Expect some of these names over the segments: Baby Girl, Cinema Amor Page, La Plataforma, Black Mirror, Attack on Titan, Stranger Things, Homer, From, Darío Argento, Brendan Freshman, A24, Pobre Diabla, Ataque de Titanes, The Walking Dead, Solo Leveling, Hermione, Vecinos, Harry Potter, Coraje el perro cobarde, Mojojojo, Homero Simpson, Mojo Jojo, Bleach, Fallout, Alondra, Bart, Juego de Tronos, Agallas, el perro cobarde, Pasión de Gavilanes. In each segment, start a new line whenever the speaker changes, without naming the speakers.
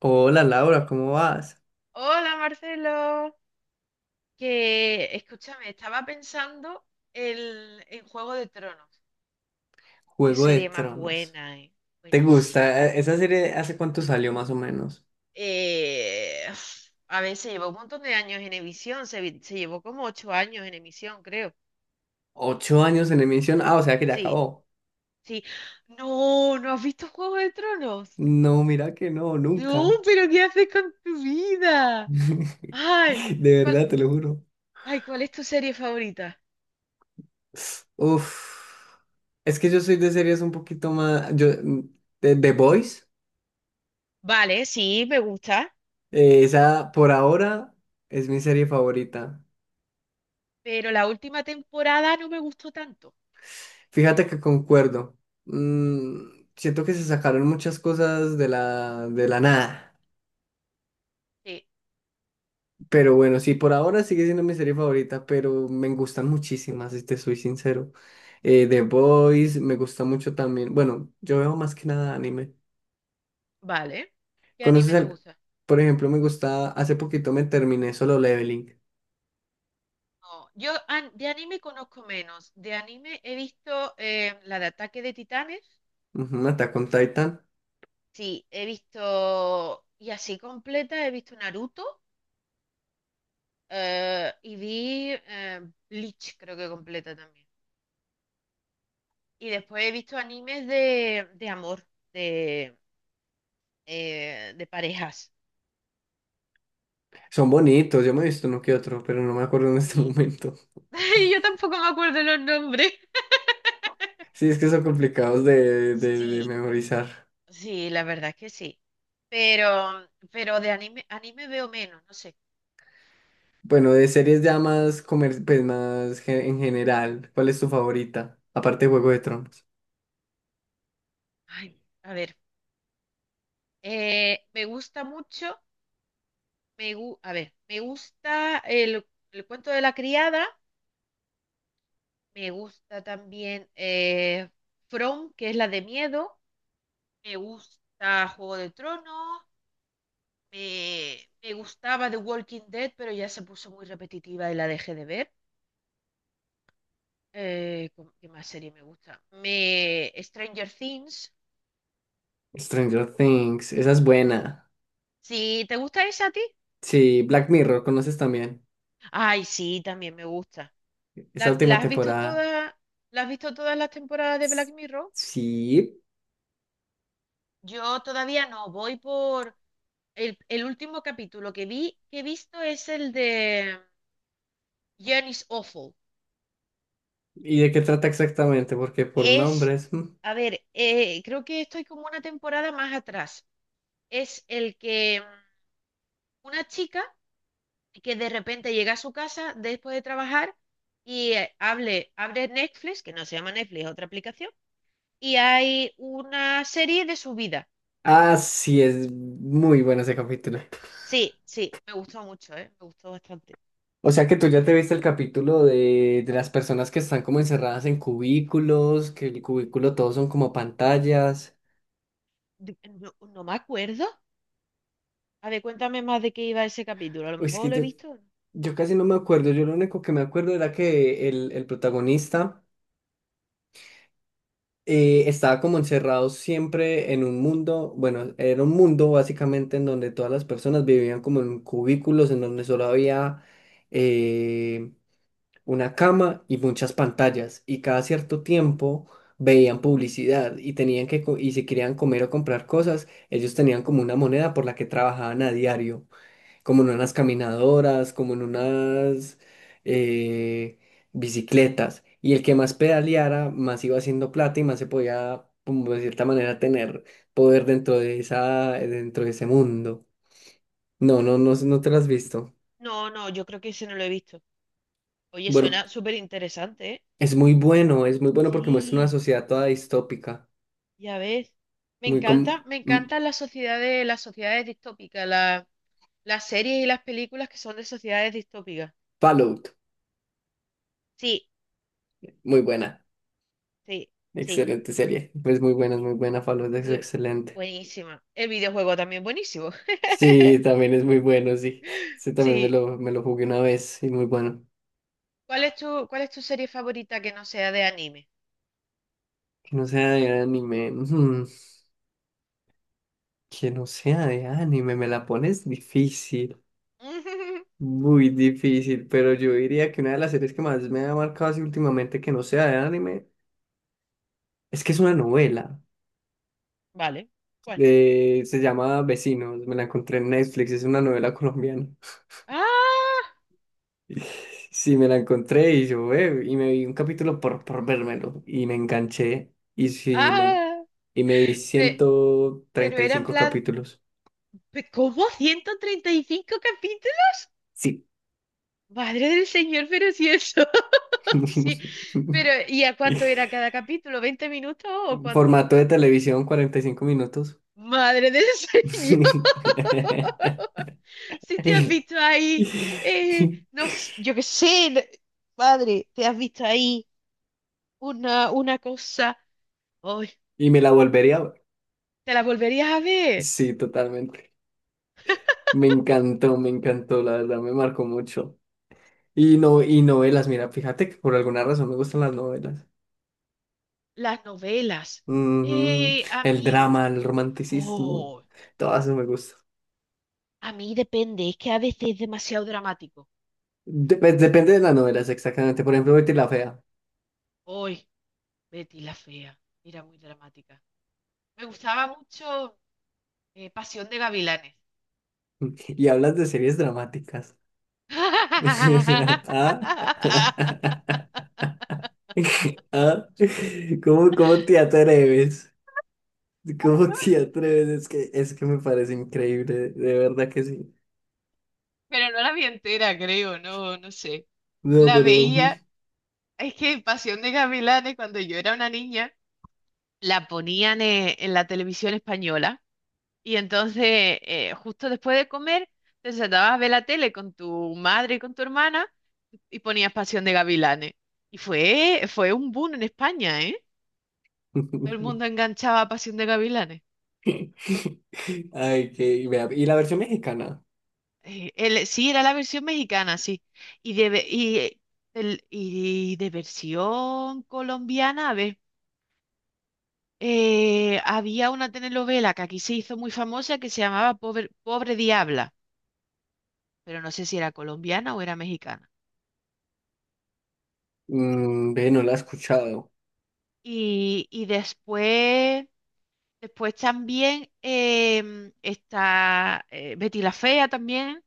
Hola Laura, ¿cómo vas?
Hola Marcelo, que escúchame, estaba pensando en Juego de Tronos. Qué
Juego de
serie más
Tronos.
buena, eh.
¿Te
Buenísima.
gusta? ¿Esa serie hace cuánto salió más o menos?
Uf, a ver, se llevó un montón de años en emisión, se llevó como 8 años en emisión, creo.
¿Ocho años en emisión? Ah, o sea que ya
Sí,
acabó.
sí. No, ¿no has visto Juego de Tronos?
No, mira que no,
No,
nunca.
pero ¿qué haces con tu vida? Ay,
De
¿cuál,
verdad, te lo juro.
¿cuál es tu serie favorita?
Uf. Es que yo soy de series un poquito más... Yo, de The Boys,
Vale, sí, me gusta.
esa por ahora es mi serie favorita.
Pero la última temporada no me gustó tanto.
Fíjate que concuerdo. Mm, siento que se sacaron muchas cosas de la nada.
Sí,
Pero bueno, sí, por ahora sigue siendo mi serie favorita, pero me gustan muchísimas, si te soy sincero. The Boys, me gusta mucho también. Bueno, yo veo más que nada anime.
vale. ¿Qué
¿Conoces
anime te
al...?
gusta?
Por ejemplo, me gusta... Hace poquito me terminé Solo Leveling.
No, de anime conozco menos. De anime he visto la de Ataque de Titanes.
Ujú, Attack on Titan.
Sí, he visto, y así completa, he visto Naruto y vi Bleach, creo que completa también. Y después he visto animes de amor, de, de parejas.
Son bonitos, yo me he visto uno que otro, pero no me acuerdo en este
Y
momento.
yo tampoco me acuerdo los nombres.
Sí, es que son complicados de
Sí,
memorizar.
sí, la verdad que sí. Pero de anime veo menos, no sé.
Bueno, de series ya más, comer... pues más ge- en general, ¿cuál es tu favorita? Aparte de Juego de Tronos.
Ay, a ver. Me gusta mucho, a ver, me gusta el cuento de la criada, me gusta también From, que es la de miedo, me gusta Juego de Tronos, me, me gustaba The Walking Dead, pero ya se puso muy repetitiva y la dejé de ver. ¿Qué más serie me gusta? Stranger Things.
Stranger Things, esa es buena.
Si te gusta esa a ti.
Sí, Black Mirror, conoces también.
Ay, sí, también me gusta.
Esa
¿La,
última
la has visto
temporada.
todas, la has visto todas las temporadas de
S-
Black Mirror?
Sí.
Yo todavía no, voy por el último capítulo que he visto es el de Jen is Awful.
¿Y de qué trata exactamente? Porque por
Es,
nombres. Mm.
a ver, creo que estoy como una temporada más atrás. Es el que una chica que de repente llega a su casa después de trabajar y abre Netflix, que no se llama Netflix, es otra aplicación, y hay una serie de su vida.
Ah, sí, es muy bueno ese capítulo.
Sí, sí, me gustó mucho, ¿eh? Me gustó bastante.
O sea que tú ya te viste el capítulo de las personas que están como encerradas en cubículos, que el cubículo todos son como pantallas.
No, no me acuerdo. A ver, cuéntame más de qué iba ese capítulo. A lo
Uy, es
mejor
que
lo he
yo,
visto.
yo casi no me acuerdo. Yo lo único que me acuerdo era que el protagonista. Estaba como encerrado siempre en un mundo, bueno, era un mundo básicamente en donde todas las personas vivían como en cubículos, en donde solo había eh, una cama y muchas pantallas, y cada cierto tiempo veían publicidad y tenían que, co- y si querían comer o comprar cosas, ellos tenían como una moneda por la que trabajaban a diario como en unas caminadoras, como en unas eh, bicicletas. Y el que más pedaleara, más iba haciendo plata y más se podía, como de cierta manera, tener poder dentro de esa, dentro de ese mundo. No, no, no, no te lo has visto.
No, no, yo creo que ese no lo he visto. Oye,
Bueno,
suena súper interesante, ¿eh?
es muy bueno, es muy bueno porque muestra una
Sí,
sociedad toda distópica,
ya ves. Me
muy como
encanta, me encantan las sociedades distópicas, las series y las películas que son de sociedades distópicas.
Fallout,
Sí,
muy buena,
sí, sí.
excelente serie. Es muy buena, Fallout es
Muy,
excelente.
buenísima. El videojuego también buenísimo.
Sí, también es muy bueno, sí. Sí, también me
Sí.
lo, me lo jugué una vez y muy bueno.
¿Cuál es tu serie favorita que no sea de anime?
Que no sea de anime. Que no sea de anime, me la pones difícil. Muy difícil, pero yo diría que una de las series que más me ha marcado así últimamente que no sea de anime es que es una novela.
Vale. ¿Cuál?
Se llama Vecinos, me la encontré en Netflix, es una novela colombiana.
¡Ah!
Sí, me la encontré y yo, y me vi un capítulo por vérmelo y me enganché y sí, me,
¡Ah!
y me vi
Pe-
ciento
pero
treinta y
era en
cinco
plan,
capítulos.
¿cómo 135 capítulos?
Sí.
Madre del Señor, pero si eso. Sí, pero ¿y a cuánto era cada capítulo? 20 minutos o cuánto?
Formato de televisión, 45 minutos.
Madre del Señor, si te has visto ahí, no, yo qué sé, madre, te has visto ahí una cosa, hoy
Y me la volvería a ver.
te la volverías a ver,
Sí, totalmente. Me encantó, la verdad, me marcó mucho. Y no, y novelas, mira, fíjate que por alguna razón me gustan las novelas.
las novelas.
Ujú.
A
El
mí
drama, el romanticismo,
Oh,
todo eso me gusta.
a mí depende, es que a veces es demasiado dramático.
Depende de las novelas, exactamente. Por ejemplo, Betty la Fea.
Hoy, Betty la fea, era muy dramática. Me gustaba mucho Pasión de Gavilanes.
Y hablas de series dramáticas. ¿Ah? ¿Ah? ¿Cómo te atreves? ¿Cómo te atreves? Es que me parece increíble, de verdad que sí.
Pero no la vi entera, creo, no, no sé.
No,
La
pero...
veía, es que Pasión de Gavilanes, cuando yo era una niña, la ponían en la televisión española. Y entonces, justo después de comer, te sentabas a ver la tele con tu madre y con tu hermana. Y ponías Pasión de Gavilanes. Y fue un boom en España, ¿eh? Todo el mundo enganchaba a Pasión de Gavilanes.
Ay, que... vea, y la versión mexicana.
Sí, era la versión mexicana, sí. Y de, ve- y, el- y de versión colombiana, a ver, había una telenovela que aquí se hizo muy famosa que se llamaba Pobre, Pobre Diabla, pero no sé si era colombiana o era mexicana.
Ve, no la he escuchado.
Y después también está Betty la Fea también.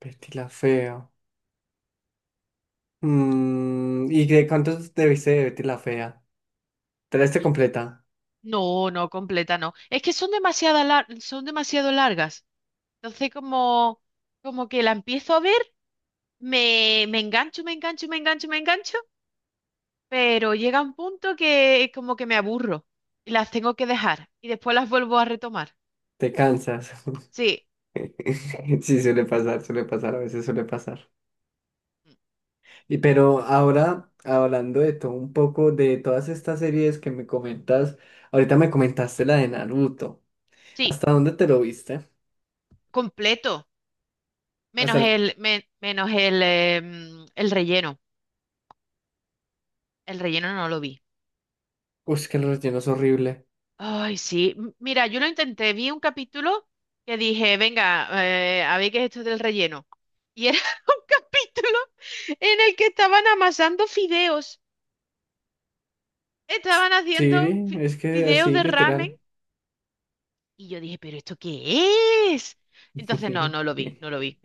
Betty la Fea. Mm, ¿y de cuántos debiste de Betty la Fea? ¿Te la diste completa?
No, no, completa no. Es que son son demasiado largas. Entonces, como que la empiezo a ver, me engancho, me engancho, me engancho, me engancho, pero llega un punto que como que me aburro y las tengo que dejar y después las vuelvo a retomar.
Te cansas.
Sí,
Sí, suele pasar, a veces suele pasar. Y pero ahora, hablando de todo un poco, de todas estas series que me comentas, ahorita me comentaste la de Naruto.
sí,
¿Hasta dónde te lo viste?
completo.
Hasta
Menos
el...
el, me- menos el, em, el relleno. El relleno no lo vi.
Uy, es que el relleno es horrible.
Ay, sí. Mira, yo lo intenté, vi un capítulo que dije, venga, a ver qué es esto del relleno. Y era un capítulo en el que estaban amasando fideos. Estaban
Sí,
haciendo
es que
fideos
así,
de ramen.
literal.
Y yo dije, ¿pero esto qué es? Entonces, no, no lo vi, no lo vi.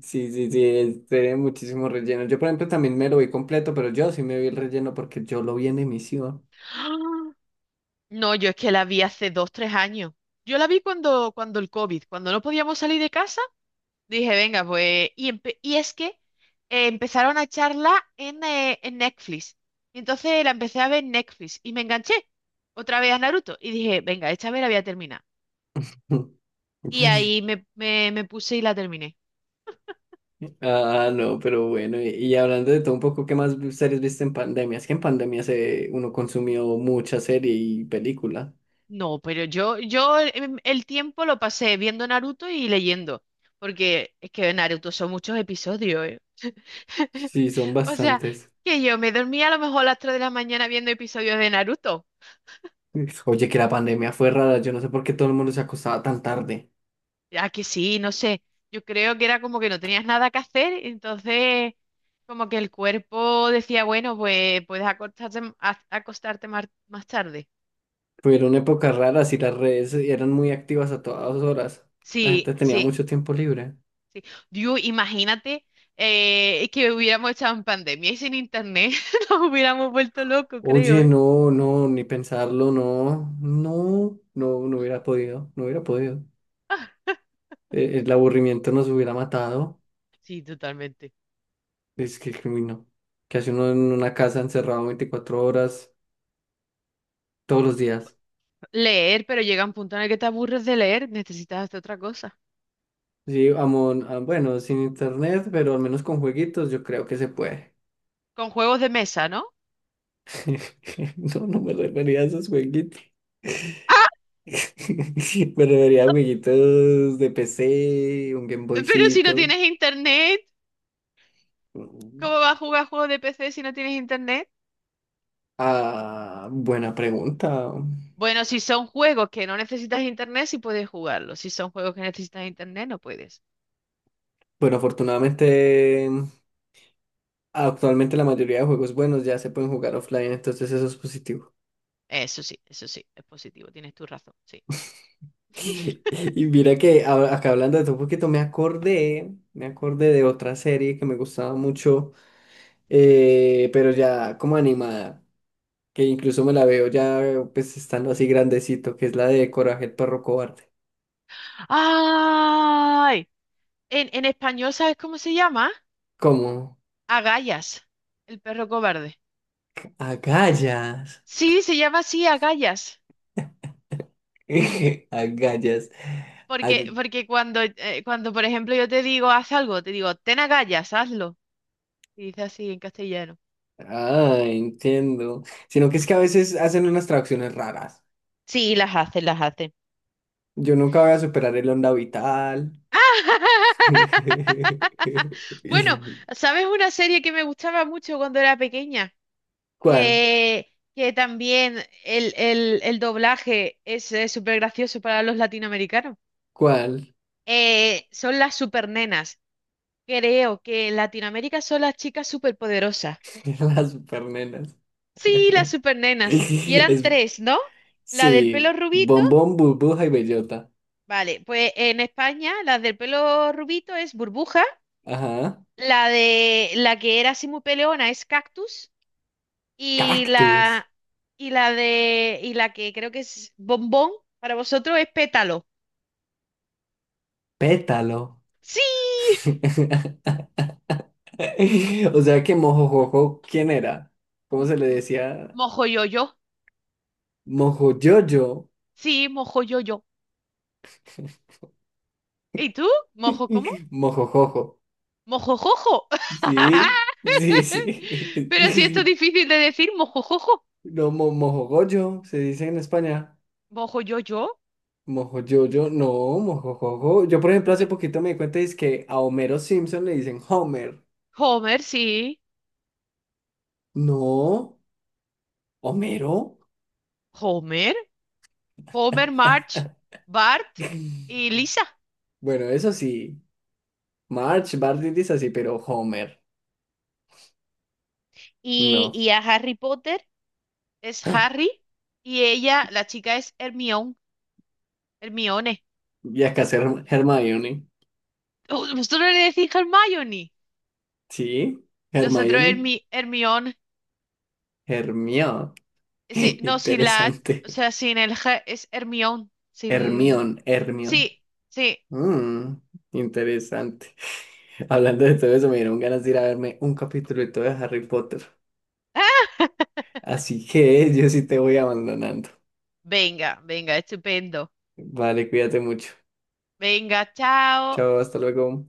Sí, sí, sí, es- tiene muchísimo relleno. Yo, por ejemplo, también me lo vi completo, pero yo sí me vi el relleno porque yo lo vi en emisión.
No, yo es que la vi hace dos, tres años. Yo la vi cuando el COVID, cuando no podíamos salir de casa. Dije, venga, pues. Y es que empezaron a charla en Netflix. Y entonces la empecé a ver en Netflix y me enganché otra vez a Naruto. Y dije, venga, esta vez la voy a terminar. Y ahí me puse y la terminé.
Ah, no, pero bueno, y hablando de todo un poco, ¿qué más vi- series viste en pandemia? Es que en pandemia se, uno consumió mucha serie y película.
No, pero el tiempo lo pasé viendo Naruto y leyendo. Porque es que Naruto son muchos episodios, ¿eh?
Sí, son
O sea,
bastantes.
que yo me dormía a lo mejor a las 3 de la mañana viendo episodios de Naruto.
Oye, que la pandemia fue rara, yo no sé por qué todo el mundo se acostaba tan tarde.
Ya que sí, no sé. Yo creo que era como que no tenías nada que hacer, entonces como que el cuerpo decía, bueno, pues puedes acostarte, más tarde.
Fueron épocas raras y las redes eran muy activas a todas horas. La gente
Sí,
tenía
sí,
mucho tiempo libre.
sí. Dios, imagínate que hubiéramos estado en pandemia y sin internet nos hubiéramos vuelto locos, creo,
Oye,
¿eh?
no, no, ni pensarlo, no, no, no, no hubiera podido, no hubiera podido. El aburrimiento nos hubiera matado.
Sí, totalmente.
Es que, uy, no. ¿Que hace uno en una casa encerrado 24 horas todos los días?
Leer, pero llega un punto en el que te aburres de leer, necesitas hacer otra cosa.
Sí, amon, ah, bueno, sin internet, pero al menos con jueguitos, yo creo que se puede.
Con juegos de mesa, ¿no?
No, no me refería a esos jueguitos.
Ah.
Me refería a jueguitos de PC, un Game
Pero si no
Boycito.
tienes internet, ¿cómo vas a jugar juegos de PC si no tienes internet?
Ah, buena pregunta.
Bueno, si son juegos que no necesitas internet, sí puedes jugarlos. Si son juegos que necesitas internet, no puedes.
Bueno, afortunadamente, actualmente la mayoría de juegos buenos ya se pueden jugar offline, entonces eso es positivo.
Eso sí, es positivo, tienes tu razón, sí.
Y mira que hab- acá hablando de todo un poquito, me acordé de otra serie que me gustaba mucho, pero ya como animada, que incluso me la veo ya pues estando así grandecito, que es la de Coraje el perro cobarde.
¡Ay! En español, ¿sabes cómo se llama?
¿Cómo?
Agallas, el perro cobarde.
Agallas.
Sí, se llama así, agallas.
Agallas.
Porque cuando, por ejemplo, yo te digo, haz algo, te digo, ten agallas, hazlo. Y dice así en castellano.
Ah, entiendo. Sino que es que a veces hacen unas traducciones raras.
Sí, las hace, las hace.
Yo nunca voy a superar el onda vital.
Bueno, ¿sabes una serie que me gustaba mucho cuando era pequeña?
¿Cuál?
Que también el doblaje es súper gracioso para los latinoamericanos.
¿Cuál?
Son las supernenas. Creo que en Latinoamérica son las chicas superpoderosas.
Las supernenas.
Sí, las supernenas. Y eran
Es,
tres, ¿no? La del pelo
sí,
rubito.
bombón, burbuja y bellota.
Vale, pues en España la del pelo rubito es Burbuja.
Ajá.
La de la que era así muy peleona es Cactus. Y
Cactus.
la, y la que creo que es bombón para vosotros es pétalo.
Pétalo.
Sí,
O sea que mojojojo, ¿quién era? ¿Cómo
M-
se le
m-
decía?
mojo yo yo.
Mojoyoyo.
Sí, mojo yo yo. ¿Y tú? ¿Mojo cómo?
Mojojojo.
Mojo jojo.
Sí, sí, sí.
Pero si esto es difícil de decir, mojo jojo.
No, mo- mojogoyo, se dice en España.
Mojo yo yo.
Mojoyoyo, no, mojojojo. Yo, por ejemplo, hace
Pe-
poquito me di cuenta es que a Homero Simpson le dicen Homer.
Homer, sí.
No, Homero.
Homer, Homer, March, Bart y Lisa.
Bueno, eso sí. March, Barney dice así, pero Homer,
Y,
no.
y a Harry Potter es Harry y ella, la chica es Hermione. Hermione.
Y acá es Herm- Hermione.
Vosotros no le decís Hermione.
Sí,
Nosotros
Hermione.
Hermione.
Hermione.
Sí, no, sin la H,
Interesante.
o sea, sin el G, es Hermione. Sin...
Hermión, Hermión.
Sí, sí.
Mm, interesante. Hablando de todo eso, me dieron ganas de ir a verme un capítulo de todo de Harry Potter.
Ah.
Así que yo sí te voy abandonando.
Venga, venga, estupendo.
Vale, cuídate mucho.
Venga, chao.
Chao, hasta luego.